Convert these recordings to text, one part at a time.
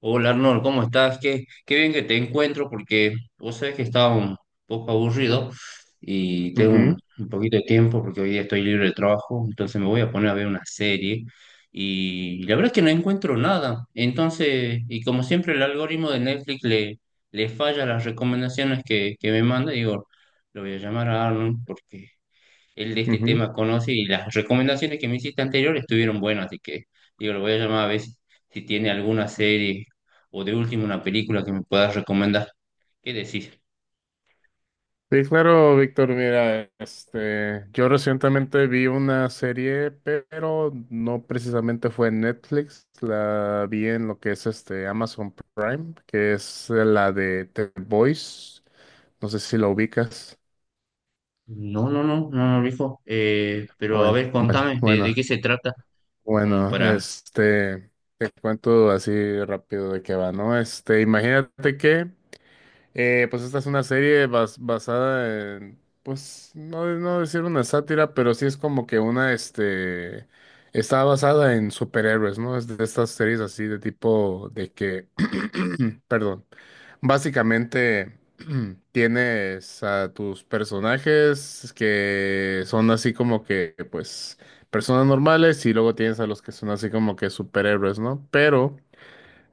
Hola Arnold, ¿cómo estás? Qué bien que te encuentro porque vos sabés que estaba un poco aburrido y tengo un, Ujú, un poquito de tiempo porque hoy día estoy libre de trabajo, entonces me voy a poner a ver una serie y la verdad es que no encuentro nada. Entonces, y como siempre el algoritmo de Netflix le falla las recomendaciones que me manda, digo, lo voy a llamar a Arnold porque él de este ujú. tema conoce y las recomendaciones que me hiciste anterior estuvieron buenas, así que digo, lo voy a llamar a ver si, si tiene alguna serie o de último una película que me puedas recomendar. ¿Qué decís? Sí, claro, Víctor, mira, yo recientemente vi una serie, pero no precisamente fue en Netflix, la vi en lo que es Amazon Prime, que es la de The Voice, no sé si la ubicas. No, no, no, no, no, viejo. Pero a Bueno, ver, bueno, contame de bueno, qué se trata, como bueno, para... este, te cuento así rápido de qué va, ¿no? Imagínate que pues esta es una serie basada en, pues no, no decir una sátira, pero sí es como que una, está basada en superhéroes, ¿no? Es de estas series así de tipo de que, perdón, básicamente tienes a tus personajes que son así como que, pues, personas normales y luego tienes a los que son así como que superhéroes, ¿no? Pero...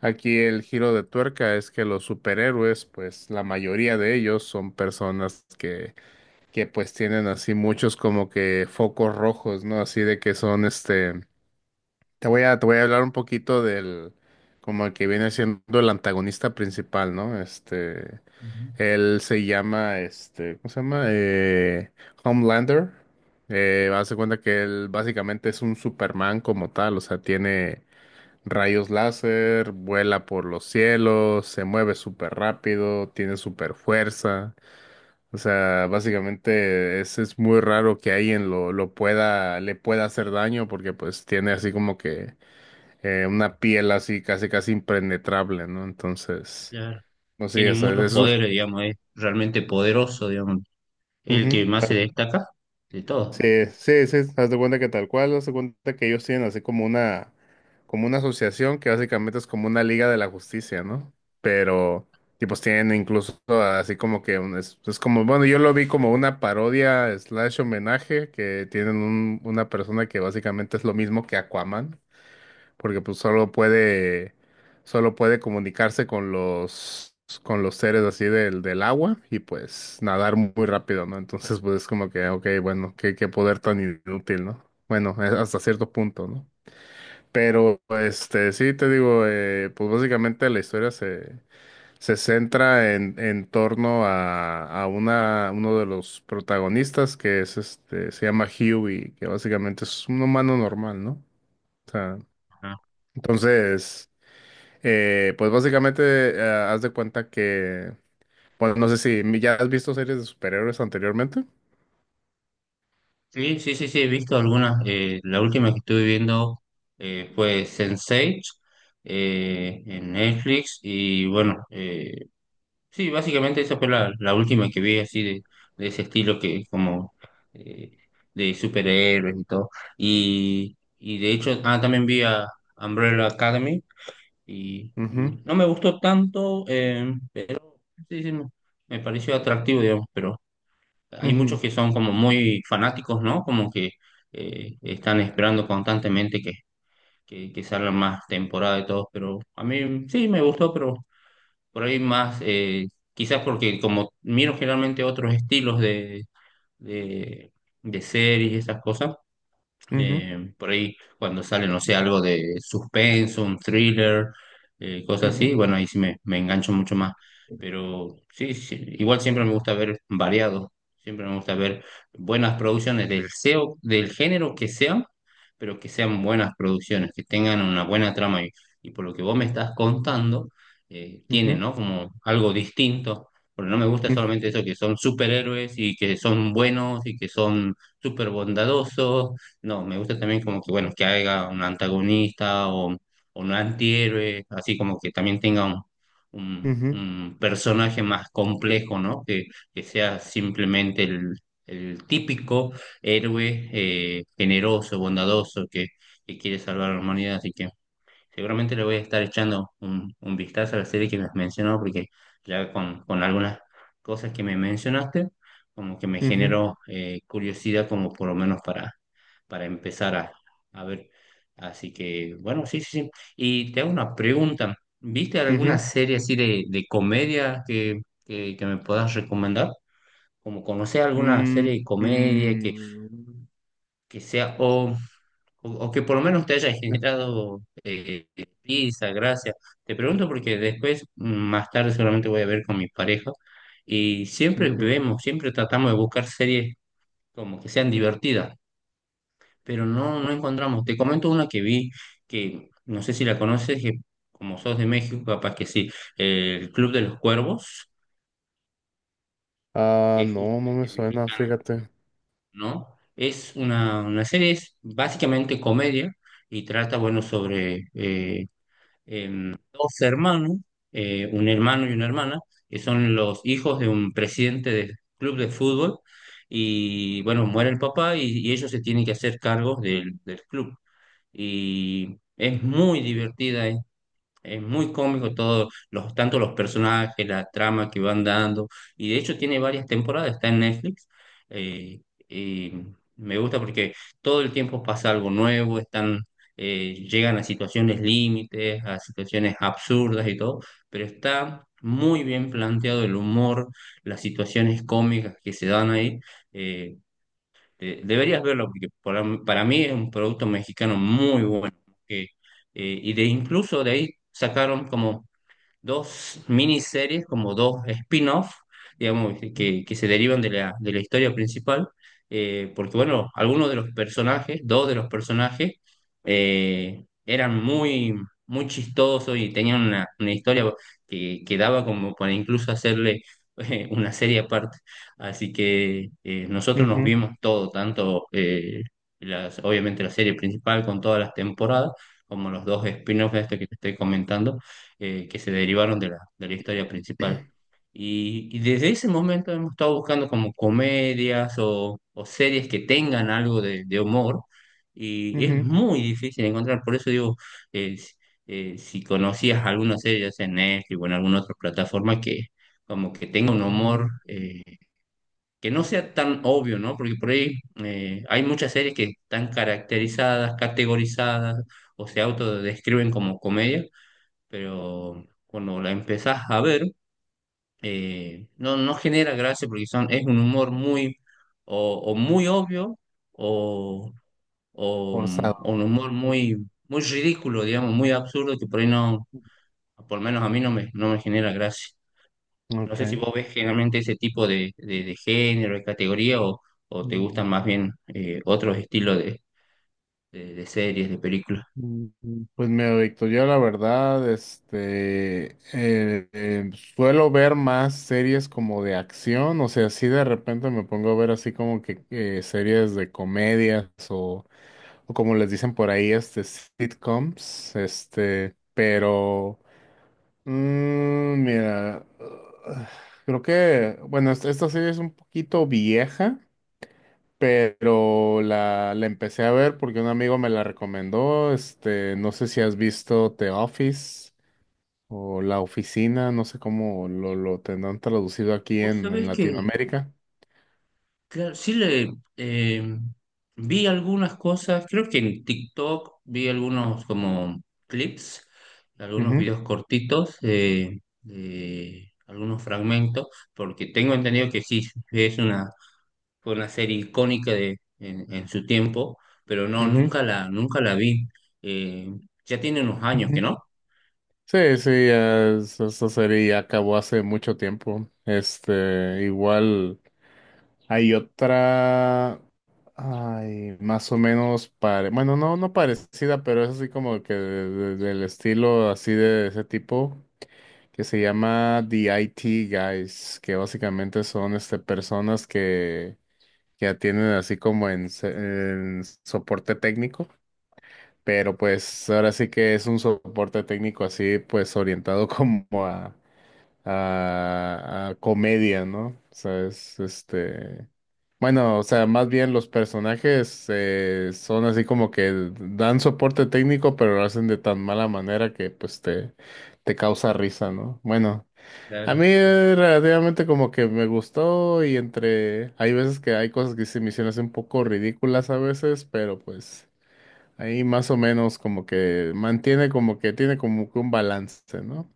Aquí el giro de tuerca es que los superhéroes, pues la mayoría de ellos son personas que pues tienen así muchos como que focos rojos, ¿no? Así de que son te voy a hablar un poquito del, como el que viene siendo el antagonista principal, ¿no? Ujú. Él se llama, este, ¿cómo se llama? Homelander. Haz de cuenta que él básicamente es un Superman como tal, o sea, tiene rayos láser, vuela por los cielos, se mueve súper rápido, tiene súper fuerza. O sea, básicamente es, muy raro que alguien lo pueda, le pueda hacer daño porque pues tiene así como que una piel así casi casi impenetrable, ¿no? Entonces, Claro. pues sí, Tiene o sea, es, muchos poderes, digamos, es realmente poderoso, digamos, el ujú. que más se destaca de todo. Sí, sí, sí, haz de cuenta que tal cual, haz de cuenta que ellos tienen así como una asociación que básicamente es como una liga de la justicia, ¿no? Pero, tipos tienen incluso así como que es como, bueno, yo lo vi como una parodia slash homenaje que tienen una persona que básicamente es lo mismo que Aquaman porque pues solo puede comunicarse con los seres así del, del agua y pues nadar muy rápido, ¿no? Entonces pues es como que, ok, bueno, qué, qué poder tan inútil, ¿no? Bueno, es hasta cierto punto, ¿no? Pero sí, te digo, pues básicamente la historia se, se centra en torno a una, uno de los protagonistas que es se llama Huey, que básicamente es un humano normal, ¿no? O sea, entonces, pues básicamente, haz de cuenta que, bueno, no sé si ya has visto series de superhéroes anteriormente. Sí, sí, sí, sí, he visto algunas. La última que estuve viendo, fue Sense8 en Netflix y bueno, sí, básicamente esa fue la, la última que vi así de ese estilo que como eh, de superhéroes y todo. Y de hecho, ah, también vi a Umbrella Academy y Ujú, no me gustó tanto, sí, sí, me pareció atractivo, digamos, pero... Hay muchos ujú, que son como muy fanáticos, ¿no? Como que están esperando constantemente que salgan más temporadas y todo, pero a mí sí me gustó, pero por ahí más, quizás porque como miro generalmente otros estilos de, de series y esas cosas, ujú, por ahí cuando sale, no sé, algo de suspenso, un thriller, cosas así, ujú, bueno, ahí sí me engancho mucho más. Pero sí, sí, igual siempre me gusta ver variado, siempre me gusta ver buenas producciones del SEO, del género que sean, pero que sean buenas producciones, que tengan una buena trama. Y por lo que vos me estás contando, tiene, ujú, ¿no? Como algo distinto. Porque no me gusta solamente eso, que son superhéroes y que son buenos y que son súper bondadosos no, me gusta también como que, bueno, que haya un antagonista o un antihéroe, así como que también tenga un, un- ujú, un personaje más complejo, ¿no? Que sea simplemente el típico héroe, generoso, bondadoso, que quiere salvar a la humanidad. Así que seguramente le voy a estar echando un vistazo a la serie que me has mencionado, porque ya con algunas cosas que me mencionaste, como que me ujú, ujú, generó curiosidad como por lo menos para empezar a ver. Así que, bueno, sí, sí, sí. Y te hago una pregunta. ¿Viste alguna ujú. serie así de comedia que me puedas recomendar? Como conocer alguna Mm, serie de comedia mm, que sea, o que por lo menos te haya ya, generado risa, gracia. Te pregunto porque después, más tarde seguramente voy a ver con mi pareja y siempre ujú. vemos, siempre tratamos de buscar series como que sean divertidas. Pero no, no encontramos. Te comento una que vi, que no sé si la conoces, que como sos de México, capaz que sí, el Club de los Cuervos, que Ah, es no, no me justamente suena, mexicana, fíjate. ¿no? Es una serie, es básicamente comedia y trata, bueno, sobre dos hermanos, un hermano y una hermana, que son los hijos de un presidente del club de fútbol. Y bueno, muere el papá y ellos se tienen que hacer cargos del club. Y es muy divertida, es muy cómico todo, los, tanto los personajes, la trama que van dando, y de hecho tiene varias temporadas, está en Netflix, eh, y me gusta porque todo el tiempo pasa algo nuevo, están, llegan a situaciones límites, a situaciones absurdas y todo, pero está... Muy bien planteado el humor, las situaciones cómicas que se dan ahí. eh, deberías verlo porque para mí es un producto mexicano muy bueno. que, eh, y de incluso de ahí sacaron como dos miniseries, como dos spin-off, digamos, que se derivan de la historia principal, porque bueno, algunos de los personajes, dos de los personajes, eran muy, muy chistosos y tenían una historia que daba como para incluso hacerle una serie aparte. Así que nosotros nos Ujú, vimos todo, tanto las, obviamente la serie principal con todas las temporadas, como los dos spin-offs de esto que te estoy comentando que se derivaron de la historia principal. Y desde ese momento hemos estado buscando como comedias o series que tengan algo de humor y es ujú, muy difícil encontrar. Por eso digo, si si conocías alguna serie, ya sea en Netflix o en alguna otra plataforma que como que tenga un humor ujú. eh, que no sea tan obvio, ¿no? Porque por ahí hay muchas series que están caracterizadas, categorizadas o se autodescriben como comedia pero cuando la empezás a ver, no, no genera gracia porque son, es un humor muy, o muy obvio, o, o, Forzado. o un humor muy, muy ridículo, digamos, muy absurdo, que por ahí no, por lo menos a mí no me, no me genera gracia. No sé si Ok. vos ves generalmente ese tipo de género, de categoría, o te gustan más bien otros estilos de series, de películas. Pues mira, Víctor, yo la verdad, suelo ver más series como de acción, o sea, si de repente me pongo a ver así como que series de comedias o como les dicen por ahí, sitcoms, pero, mira, creo que, bueno, esta serie es un poquito vieja, pero la empecé a ver porque un amigo me la recomendó. No sé si has visto The Office o La Oficina, no sé cómo lo tendrán traducido aquí Vos en sabés que Latinoamérica. claro, sí le vi algunas cosas, creo que en TikTok vi algunos como clips, algunos Ujú, videos cortitos, de algunos fragmentos, porque tengo entendido que sí, es una, fue una serie icónica de, en su tiempo, pero no, ujú, nunca la, nunca la vi. Eh, ya tiene unos años que ujú. no. Sí, sí, esa serie ya acabó hace mucho tiempo. Igual hay otra, ay, más o menos pare, bueno, no, no parecida, pero es así como que del estilo así de ese tipo, que se llama The IT Guys, que básicamente son personas que atienden así como en, en soporte técnico, pero pues ahora sí que es un soporte técnico así pues orientado como a, a comedia, ¿no? O sea, es este... Bueno, o sea, más bien los personajes son así como que dan soporte técnico, pero lo hacen de tan mala manera que pues te causa risa, ¿no? Bueno, a Claro. mí relativamente como que me gustó y entre... Hay veces que hay cosas que se me hicieron así un poco ridículas a veces, pero pues ahí más o menos como que mantiene como que tiene como que un balance, ¿no?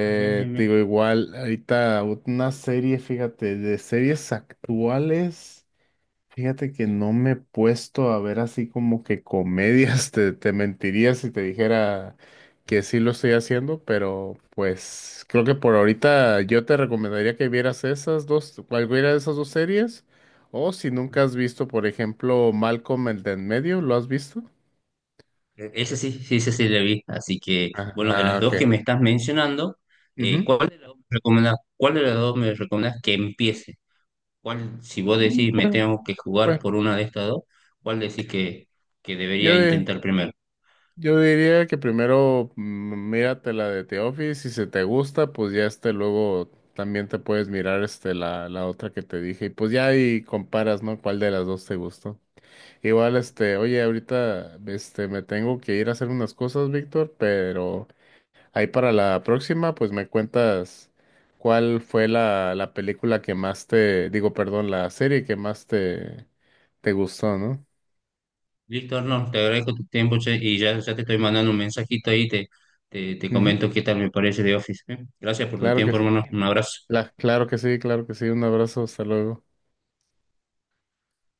Ah, bien, bien, Te bien. digo, igual, ahorita una serie, fíjate, de series actuales. Fíjate que no me he puesto a ver así como que comedias, te mentiría si te dijera que sí lo estoy haciendo, pero pues creo que por ahorita yo te recomendaría que vieras esas dos, cualquiera de esas dos series, o si nunca has visto, por ejemplo, Malcolm el de en medio, ¿lo has visto? Ese sí, sí, ese sí le vi. Así que, bueno, de las Ok. dos que me estás mencionando, Ujú. ¿cuál de las dos me recomendás, cuál de las dos me recomendás que empiece? ¿Cuál, si vos decís me Bueno, tengo que jugar bueno, por una de estas dos, cuál decís que debería yo, eh, intentar primero? yo diría que primero mírate la de The Office, si se te gusta, pues ya luego también te puedes mirar la, la otra que te dije y pues ya ahí comparas, ¿no? ¿Cuál de las dos te gustó? Igual oye, ahorita me tengo que ir a hacer unas cosas, Víctor, pero ahí para la próxima pues me cuentas cuál fue la, la película que más te, digo, perdón, la serie que más te, te gustó, ¿no? Listo, Arnold, te agradezco tu tiempo, che, y ya, ya te estoy mandando un mensajito ahí, te Ujú, comento qué tal me parece de Office. ¿Eh? Gracias por tu claro que tiempo, sí. hermano. Un abrazo. Claro que sí, claro que sí. Un abrazo, hasta luego.